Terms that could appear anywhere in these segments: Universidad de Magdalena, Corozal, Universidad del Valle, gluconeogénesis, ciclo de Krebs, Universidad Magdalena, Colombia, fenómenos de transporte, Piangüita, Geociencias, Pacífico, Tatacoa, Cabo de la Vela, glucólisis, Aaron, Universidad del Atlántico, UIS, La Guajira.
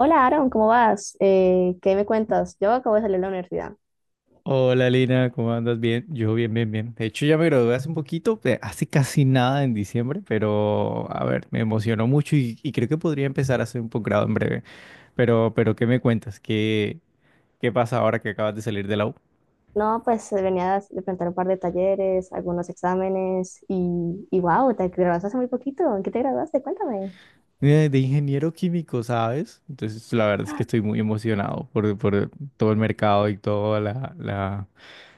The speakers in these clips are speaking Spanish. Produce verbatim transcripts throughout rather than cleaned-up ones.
Hola Aaron, ¿cómo vas? Eh, ¿qué me cuentas? Yo acabo de salir de la universidad. Hola Lina, ¿cómo andas? Bien, yo bien, bien, bien. De hecho ya me gradué hace un poquito, eh, hace casi nada en diciembre, pero a ver, me emocionó mucho y, y creo que podría empezar a hacer un posgrado en breve. Pero, pero ¿qué me cuentas? ¿Qué, ¿qué pasa ahora que acabas de salir de la U? No, pues eh, venía de plantear un par de talleres, algunos exámenes y, y wow, te graduaste hace muy poquito. ¿En qué te graduaste? Cuéntame. Eh, de ingeniero químico, ¿sabes? Entonces la verdad es que estoy muy emocionado por, por todo el mercado y toda la, la,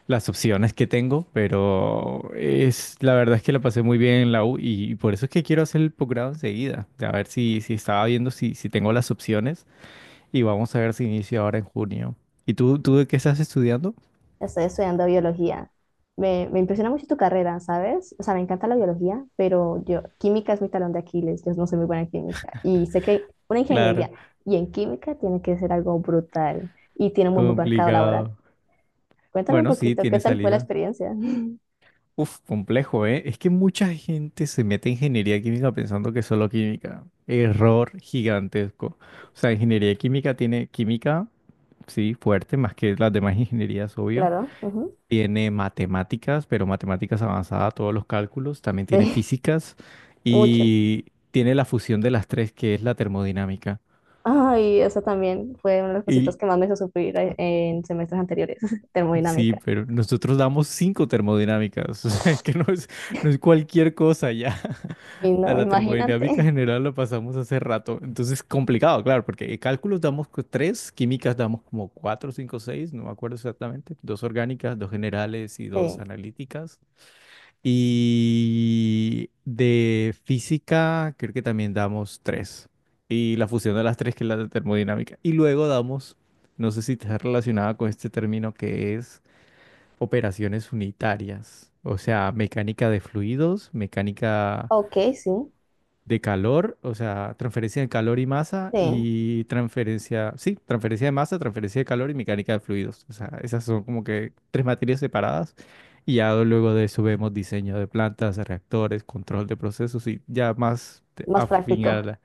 las opciones que tengo, pero es la verdad es que la pasé muy bien en la U y por eso es que quiero hacer el posgrado enseguida. A ver si, si estaba viendo si, si tengo las opciones y vamos a ver si inicio ahora en junio. ¿Y tú, tú de qué estás estudiando? Estoy estudiando biología. Me, me impresiona mucho tu carrera, ¿sabes? O sea, me encanta la biología, pero yo, química es mi talón de Aquiles, yo no soy muy buena en química. Y sé que una Claro, ingeniería y en química tiene que ser algo brutal y tiene muy, muy marcado laboral. complicado. Cuéntame un Bueno, sí, poquito, ¿qué tiene tal fue la salida. experiencia? Uf, complejo, ¿eh? Es que mucha gente se mete en ingeniería química pensando que es solo química. Error gigantesco. O sea, ingeniería química tiene química, sí, fuerte, más que las demás ingenierías, obvio. Claro, ujú. Tiene matemáticas, pero matemáticas avanzadas, todos los cálculos. También tiene Sí, físicas mucho. y tiene la fusión de las tres, que es la termodinámica. Ay, eso también fue una de las cositas Y que más me hizo sufrir eh, en semestres anteriores, sí, termodinámica. pero nosotros damos cinco termodinámicas, o sea, que no es, no es cualquier cosa ya. Y A no, la termodinámica imagínate. general la pasamos hace rato. Entonces, complicado, claro, porque cálculos damos cu- tres, químicas damos como cuatro, cinco, seis, no me acuerdo exactamente. Dos orgánicas, dos generales y dos Sí, analíticas. Y de física, creo que también damos tres. Y la fusión de las tres, que es la de termodinámica. Y luego damos, no sé si está relacionada con este término que es operaciones unitarias. O sea, mecánica de fluidos, mecánica ok, sí, de calor, o sea, transferencia de calor y masa sí, y transferencia, sí, transferencia de masa, transferencia de calor y mecánica de fluidos. O sea, esas son como que tres materias separadas y ya luego de eso vemos diseño de plantas, reactores, control de procesos y ya más te- más afín a práctico. la-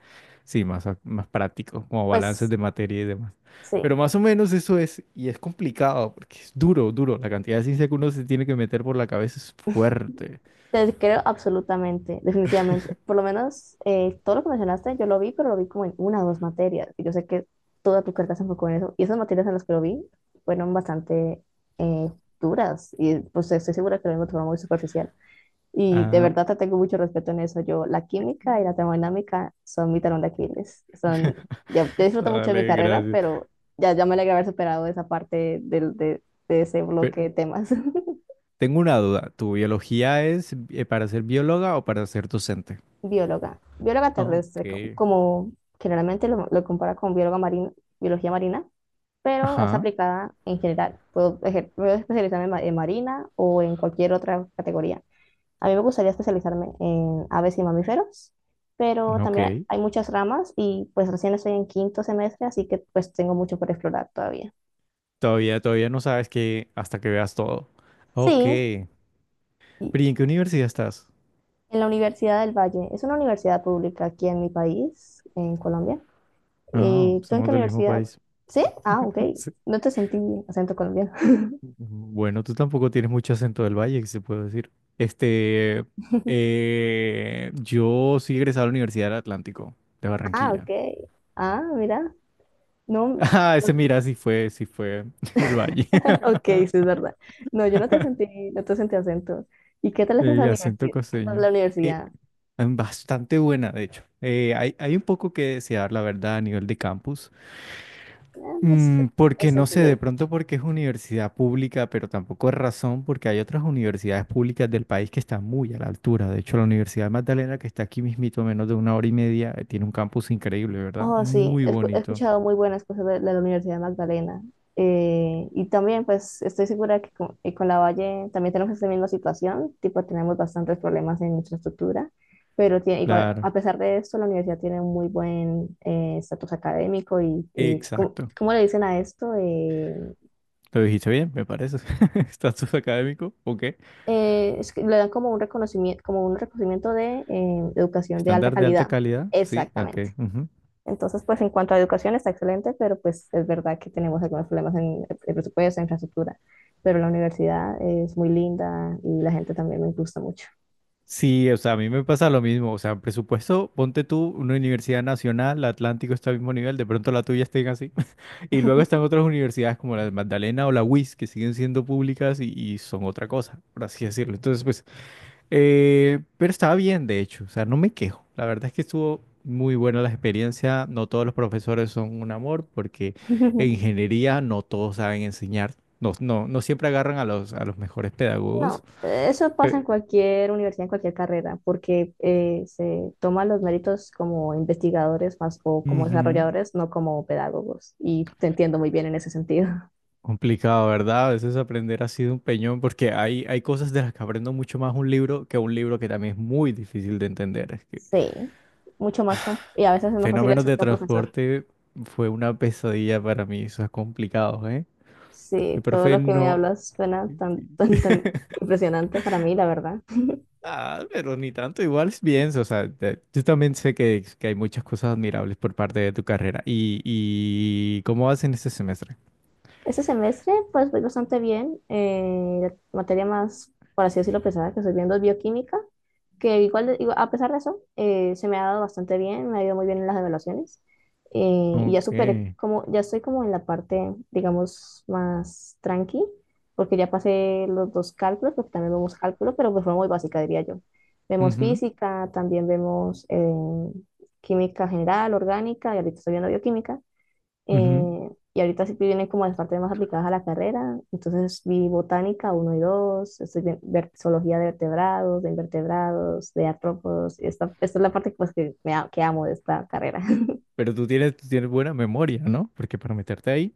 sí, más, a- más práctico, como balances Pues de materia y demás. sí, Pero más o menos eso es, y es complicado porque es duro, duro. La cantidad de ciencia que uno se tiene que meter por la cabeza es fuerte. te creo absolutamente, definitivamente. Por lo menos eh, todo lo que mencionaste, yo lo vi, pero lo vi como en una o dos materias. Y yo sé que toda tu carga se enfocó en eso. Y esas materias en las que lo vi fueron bastante eh, duras. Y pues estoy segura que lo mismo te fue muy superficial. Y de Ah, verdad te tengo mucho respeto en eso. Yo, la química y la termodinámica son mi talón de Aquiles. Son, yo, yo disfruto mucho de mi dale, carrera, gracias. pero ya, ya me alegra haber superado esa parte del, de, de ese bloque de Pero- temas. Tengo una duda. ¿Tu biología es eh, para ser bióloga o para ser docente? Bióloga, bióloga Ok. terrestre, como generalmente lo, lo compara con bióloga marina, biología marina, pero es Ajá. aplicada en general. Puedo, ejer- puedo especializarme en, ma- en marina o en cualquier otra categoría. A mí me gustaría especializarme en aves y mamíferos, pero Ok. también hay muchas ramas y pues recién estoy en quinto semestre, así que pues tengo mucho por explorar todavía. Todavía, todavía no sabes que hasta que veas todo. Ok. Sí, ¿Pero y en qué universidad estás? en la Universidad del Valle. Es una universidad pública aquí en mi país, en Colombia. Ah, Eh, ¿tú en somos qué del mismo universidad? país. ¿Sí? Ah, ok. No te sentí acento colombiano. Sí. Bueno, tú tampoco tienes mucho acento del valle, que se puede decir. Este, eh, yo sí egresado a la Universidad del Atlántico, de Ah, ok. Barranquilla. Ah, mira. No. Ah, ese mira, sí fue, sí fue del valle. Ok, sí, es verdad. No, yo no te sentí, no te sentí acento. ¿Y qué tal es esa El acento universidad? ¿Qué tal costeño. la universidad? em, Bastante buena, de hecho. Eh, hay, hay un poco que desear, la verdad, a nivel de campus. Eh, es, Mm, porque es no sé, de entendible. pronto porque es universidad pública, pero tampoco es razón porque hay otras universidades públicas del país que están muy a la altura. De hecho, la Universidad de Magdalena, que está aquí mismito, a menos de una hora y media, eh, tiene un campus increíble, ¿verdad? Oh, sí, Muy he, escu- he bonito. escuchado muy buenas cosas de, de la Universidad Magdalena. Eh, y también, pues, estoy segura que con, eh, con la Valle también tenemos esta misma situación, tipo, tenemos bastantes problemas en infraestructura, pero tiene, igual, claro, Claro. a pesar de esto, la universidad tiene un muy buen eh, estatus académico, y, y ¿cómo, Exacto. cómo le dicen a esto? Eh, Lo dijiste bien, me parece. Estatus académico, ok. Eh, es que le dan como un reconocimiento, como un reconocimiento de eh, educación de alta Estándar de alta calidad. calidad, sí, Exactamente. ok. Ujú. Entonces, pues en cuanto a educación está excelente, pero pues es verdad que tenemos algunos problemas en el presupuesto, en infraestructura, pero la universidad es muy linda y la gente también me gusta mucho. Sí, o sea, a mí me pasa lo mismo. O sea, presupuesto, ponte tú una universidad nacional, la Atlántico está al mismo nivel, de pronto la tuya estén así. Y luego están otras universidades como la de Magdalena o la U I S, que siguen siendo públicas y, y son otra cosa, por así decirlo. Entonces, pues, eh, pero estaba bien, de hecho. O sea, no me quejo. La verdad es que estuvo muy buena la experiencia. No todos los profesores son un amor, porque en Sí. ingeniería no todos saben enseñar. No, no, no siempre agarran a los, a los mejores pedagogos. No, eso pasa en cualquier universidad, en cualquier carrera, porque eh, se toman los méritos como investigadores más o como Ujú. desarrolladores, no como pedagogos. Y te entiendo muy bien en ese sentido. Complicado, ¿verdad? A veces aprender ha sido un peñón porque hay, hay cosas de las que aprendo mucho más un libro que un libro que también es muy difícil de entender. Es que Sí, mucho más que un- y a veces es más fácil fenómenos eso de que un profesor. transporte fue una pesadilla para mí, eso es complicado, ¿eh? El Sí, todo profe lo que me no... hablas suena tan, tan, tan impresionante para mí, la verdad. Ah, pero ni tanto, igual es bien, o sea, te- yo también sé que, que hay muchas cosas admirables por parte de tu carrera. ¿Y, y cómo vas en este semestre? Este semestre, pues voy bastante bien. Eh, la materia más, por así decirlo, pesada que estoy viendo es bioquímica, que igual, de- igual- a pesar de eso, eh, se me ha dado bastante bien, me ha ido muy bien en las evaluaciones. Eh, y ya superé, Ok. como, ya estoy como en la parte, digamos, más tranqui, porque ya pasé los dos cálculos, porque también vemos cálculo, pero de forma muy básica, diría yo. Vemos Ujú, física, también vemos eh, química general, orgánica, y ahorita estoy viendo bioquímica. ujú. Eh, y ahorita sí que vienen como las partes más aplicadas a la carrera. Entonces vi botánica uno y dos, estoy vi- ver- zoología de vertebrados, de invertebrados, de artrópodos. Y Esta, esta es la parte pues, que, me, a- que amo de esta carrera. Pero tú tienes, tú tienes buena memoria, ¿no? Porque para meterte ahí...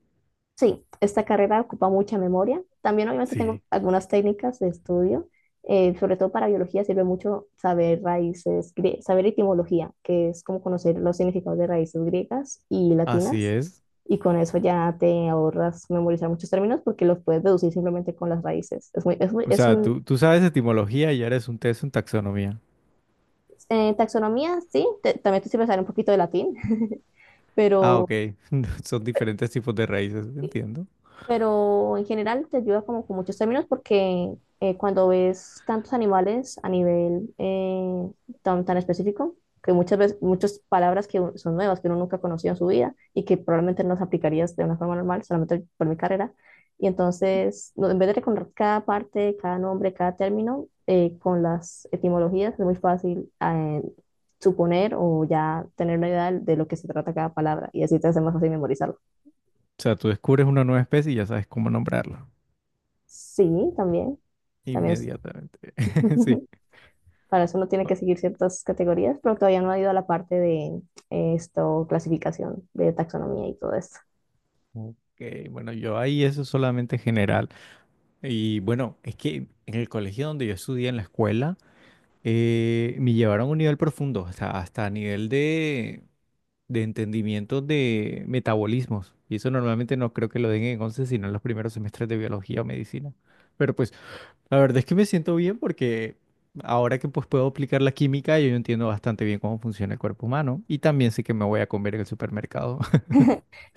Sí, esta carrera ocupa mucha memoria. También obviamente tengo Sí. algunas técnicas de estudio. Eh, sobre todo para biología sirve mucho saber raíces, grie- saber etimología, que es como conocer los significados de raíces griegas y Así latinas. es. Y con eso ya te ahorras memorizar muchos términos porque los puedes deducir simplemente con las raíces. Es muy, es muy, O es Claro. sea, un, tú, tú sabes etimología y eres un test en taxonomía. eh, taxonomía, sí, te- también te sirve saber un poquito de latín. Ah, ok. pero Son diferentes tipos de raíces, entiendo. O pero en general te ayuda como con muchos términos porque eh, cuando ves tantos animales a nivel eh, tan, tan específico, que muchas veces, muchas palabras que un- son nuevas, que uno nunca conoció en su vida y que probablemente no las aplicarías de una forma normal, solamente por mi carrera. Y entonces, no, en vez de recordar cada parte, cada nombre, cada término, eh, con las etimologías es muy fácil eh, suponer o ya tener una idea de de lo que se trata cada palabra y así te hace más fácil memorizarlo. sea, tú descubres una nueva especie y ya sabes cómo nombrarla Sí, también. También. inmediatamente. Sí. Para eso uno tiene que seguir ciertas categorías, pero todavía no ha ido a la parte de eh, esto, clasificación, de taxonomía y todo esto. Ok, bueno, yo ahí eso es solamente general. Y bueno, es que en el colegio donde yo estudié, en la escuela, eh, me llevaron a un nivel profundo, o sea, hasta a nivel de de entendimiento de metabolismos. Y eso normalmente no creo que lo den en once sino en los primeros semestres de biología o medicina. Pero pues la verdad es que me siento bien porque ahora que pues puedo aplicar la química, yo entiendo bastante bien cómo funciona el cuerpo humano y también sé que me voy a comer en el supermercado.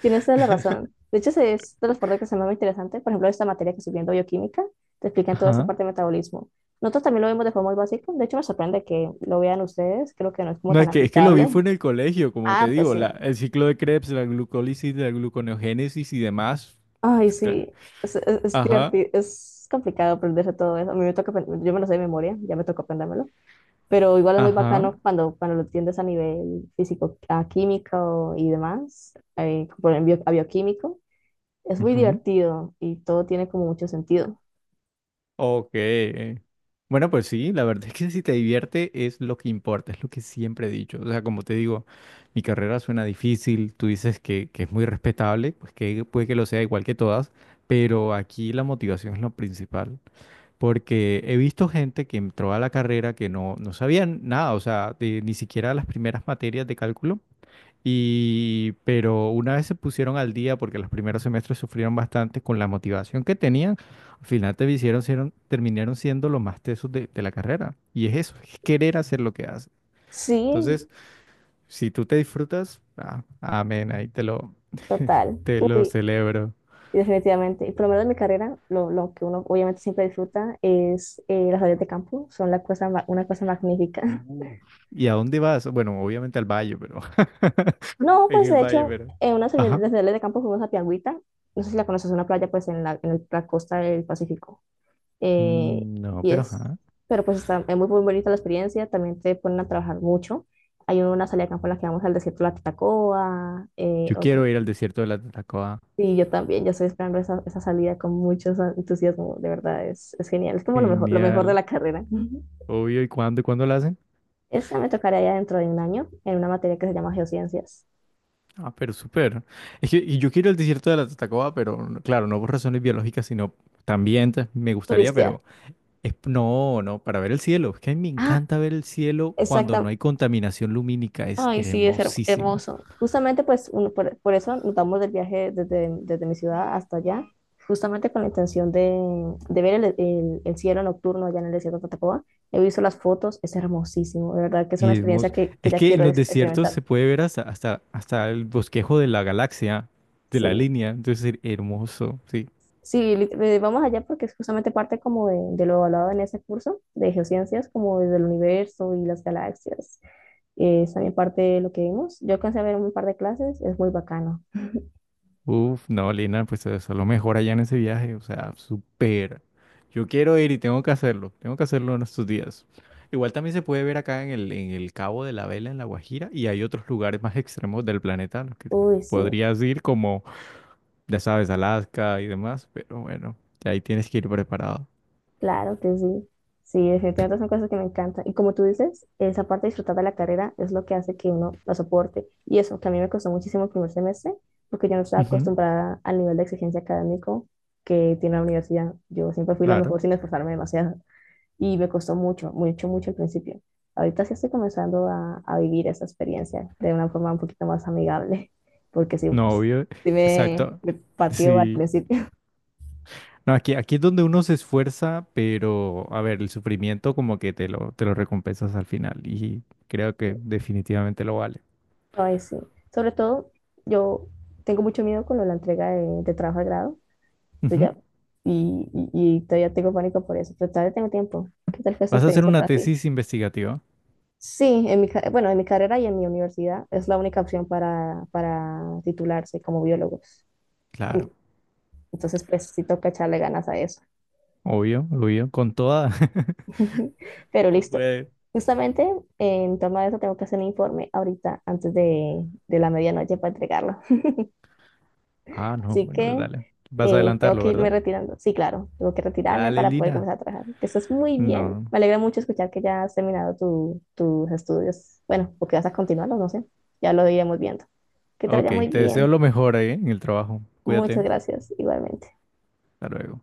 Tienes toda la razón. De hecho, esa es de las partes que se me hace más interesante. Por ejemplo, esta materia que estoy viendo, bioquímica, te explican toda esa Ajá. parte de metabolismo. Nosotros también lo vemos de forma muy básica. De hecho, me sorprende que lo vean ustedes. Creo que no es como No, tan es que, es que lo aplicable. vi fue Aquí. en el colegio, como te Ah, pues digo, la, sí. el ciclo de Krebs, la glucólisis, la gluconeogénesis y demás. Ay, Pues, claro. sí. Es, es, es Ajá, divertido. Es complicado aprenderse todo eso. A mí me toca, aprend- Yo me lo sé de memoria, ya me tocó aprendérmelo. Pero igual es muy ajá. bacano cuando, cuando lo entiendes a nivel físico, a químico y demás, eh, por ejemplo, a bioquímico. Es muy divertido y todo tiene como mucho sentido. Ok. Bueno, pues sí, la verdad es que si te divierte es lo que importa, es lo que siempre he dicho. O sea, como te digo, mi carrera suena difícil, tú dices que, que es muy respetable, pues que puede que lo sea igual que todas, pero aquí la motivación es lo principal, porque he visto gente que entró a la carrera que no, no sabían nada, o sea, de- ni siquiera las primeras materias de cálculo. Y, pero una vez se pusieron al día, porque los primeros semestres sufrieron bastante con la motivación que tenían, al final te hicieron, sieron- terminaron siendo los más tesos de, de la carrera. Y es eso, es querer hacer lo que haces. Sí, Entonces, si tú te disfrutas, ah, amén, ahí te lo, total. te lo Uy, celebro. definitivamente. Y por lo menos en mi carrera, lo, lo que uno obviamente siempre disfruta es eh, las salidas de campo, son la cosa, ma- una cosa magnífica. Uf. ¿Y a dónde vas? Bueno, obviamente al valle, pero... No, En pues el de valle, hecho, pero... en una de Ajá. las salidas de campo fuimos a Piangüita, no sé si la conoces, es una playa pues en la, en el- la costa del Pacífico. eh, Mm, no, y pero es, ajá. pero pues está, es muy, muy bonita la experiencia, también te ponen a trabajar mucho. Hay una salida de campo en la que vamos al desierto de la Tatacoa, eh, Yo otro- quiero ir al desierto de la Tatacoa. Sí, yo también, yo estoy esperando esa, esa salida con mucho entusiasmo, de verdad, es, es genial, es como lo mejor, lo mejor de Genial. la carrera. Obvio, ¿y cuándo? ¿Y cuándo lo hacen? Esa me tocará ya dentro de un año, en una materia que se llama Geociencias. Ah, pero súper. Es que y yo quiero el desierto de la Tatacoa, pero claro, no por razones biológicas, sino también te- me gustaría, Turistear. pero es, no, no, para ver el cielo. Es que a mí me Ah, encanta ver el cielo cuando no exacta. hay contaminación lumínica. Es Ay, sí, es her- hermosísimo. hermoso. Justamente, pues, uno- por, por eso notamos del viaje desde, desde mi ciudad hasta allá, justamente con la intención de, de ver el, el- el cielo nocturno allá en el desierto de Tatacoa. He visto las fotos, es hermosísimo, de verdad que es una experiencia Hermoso. que, que Es ya que en quiero los ex- desiertos experimentar. se puede ver hasta, hasta, hasta el bosquejo de la galaxia, de la Sí, línea. Entonces, her- hermoso. Sí. sí, li- eh, vamos allá porque es justamente parte como de, de lo hablado en ese curso de geociencias, como desde el universo y las galaxias. Eh, es también parte de lo que vimos. Yo alcancé a ver un par de clases, es muy bacano. Uf, no, Lina, pues eso es lo mejor allá en ese viaje, o sea, súper. Yo quiero ir y tengo que hacerlo, tengo que hacerlo en estos días. Igual también se puede ver acá en el, en el Cabo de la Vela, en La Guajira, y hay otros lugares más extremos del planeta a los que Uy, sí. podrías ir, como, ya sabes, Alaska y demás, pero bueno, ahí tienes que ir preparado. Claro que sí. Sí, definitivamente son cosas que me encantan. Y como tú dices, esa parte de disfrutar de la carrera es lo que hace que uno la soporte. Y eso, que a mí me costó muchísimo el primer semestre, porque yo no estaba Ujú, acostumbrada al nivel de exigencia académico que tiene la universidad. Yo siempre fui la claro, mejor sin esforzarme demasiado. Y me costó mucho, mucho, mucho al principio. Ahorita sí estoy comenzando a, a vivir esa experiencia de una forma un poquito más amigable. Porque sí, no, no, obvio, sí me, exacto. me pateó al Sí. principio. No, aquí, aquí es donde uno se esfuerza, pero a ver, el sufrimiento como que te lo, te lo recompensas al final y creo que definitivamente lo vale. Ay, sí. Sobre todo, yo tengo mucho miedo con lo de la entrega de, de trabajo de grado. Yo Ujú. ya, y, y- y todavía tengo pánico por eso, pero todavía tengo tiempo. ¿Qué tal fue esta ¿Vas a hacer experiencia una para ti? tesis investigativa? Sí, en mi, ca- bueno, en mi carrera y en mi universidad es la única opción para, para titularse como biólogo. Claro, En- Entonces, pues sí toca echarle ganas a eso. obvio, obvio, con toda. Pero Tú listo. puedes. Justamente en torno a eso tengo que hacer un informe ahorita antes de, de la medianoche para entregarlo. Ah, no, Así bueno, pues que dale. Vas a eh, tengo adelantarlo, que irme ¿verdad? retirando. Sí, claro, tengo que retirarme Dale, para poder Lina. comenzar a trabajar. Que estás muy bien. No. Me alegra mucho escuchar que ya has terminado tu- tus estudios. Bueno, porque vas a continuarlos, no sé. Ya lo iremos viendo. Que te Ok, vaya muy te deseo bien. lo mejor ahí en el trabajo. Cuídate. Muchas gracias, igualmente. Hasta luego.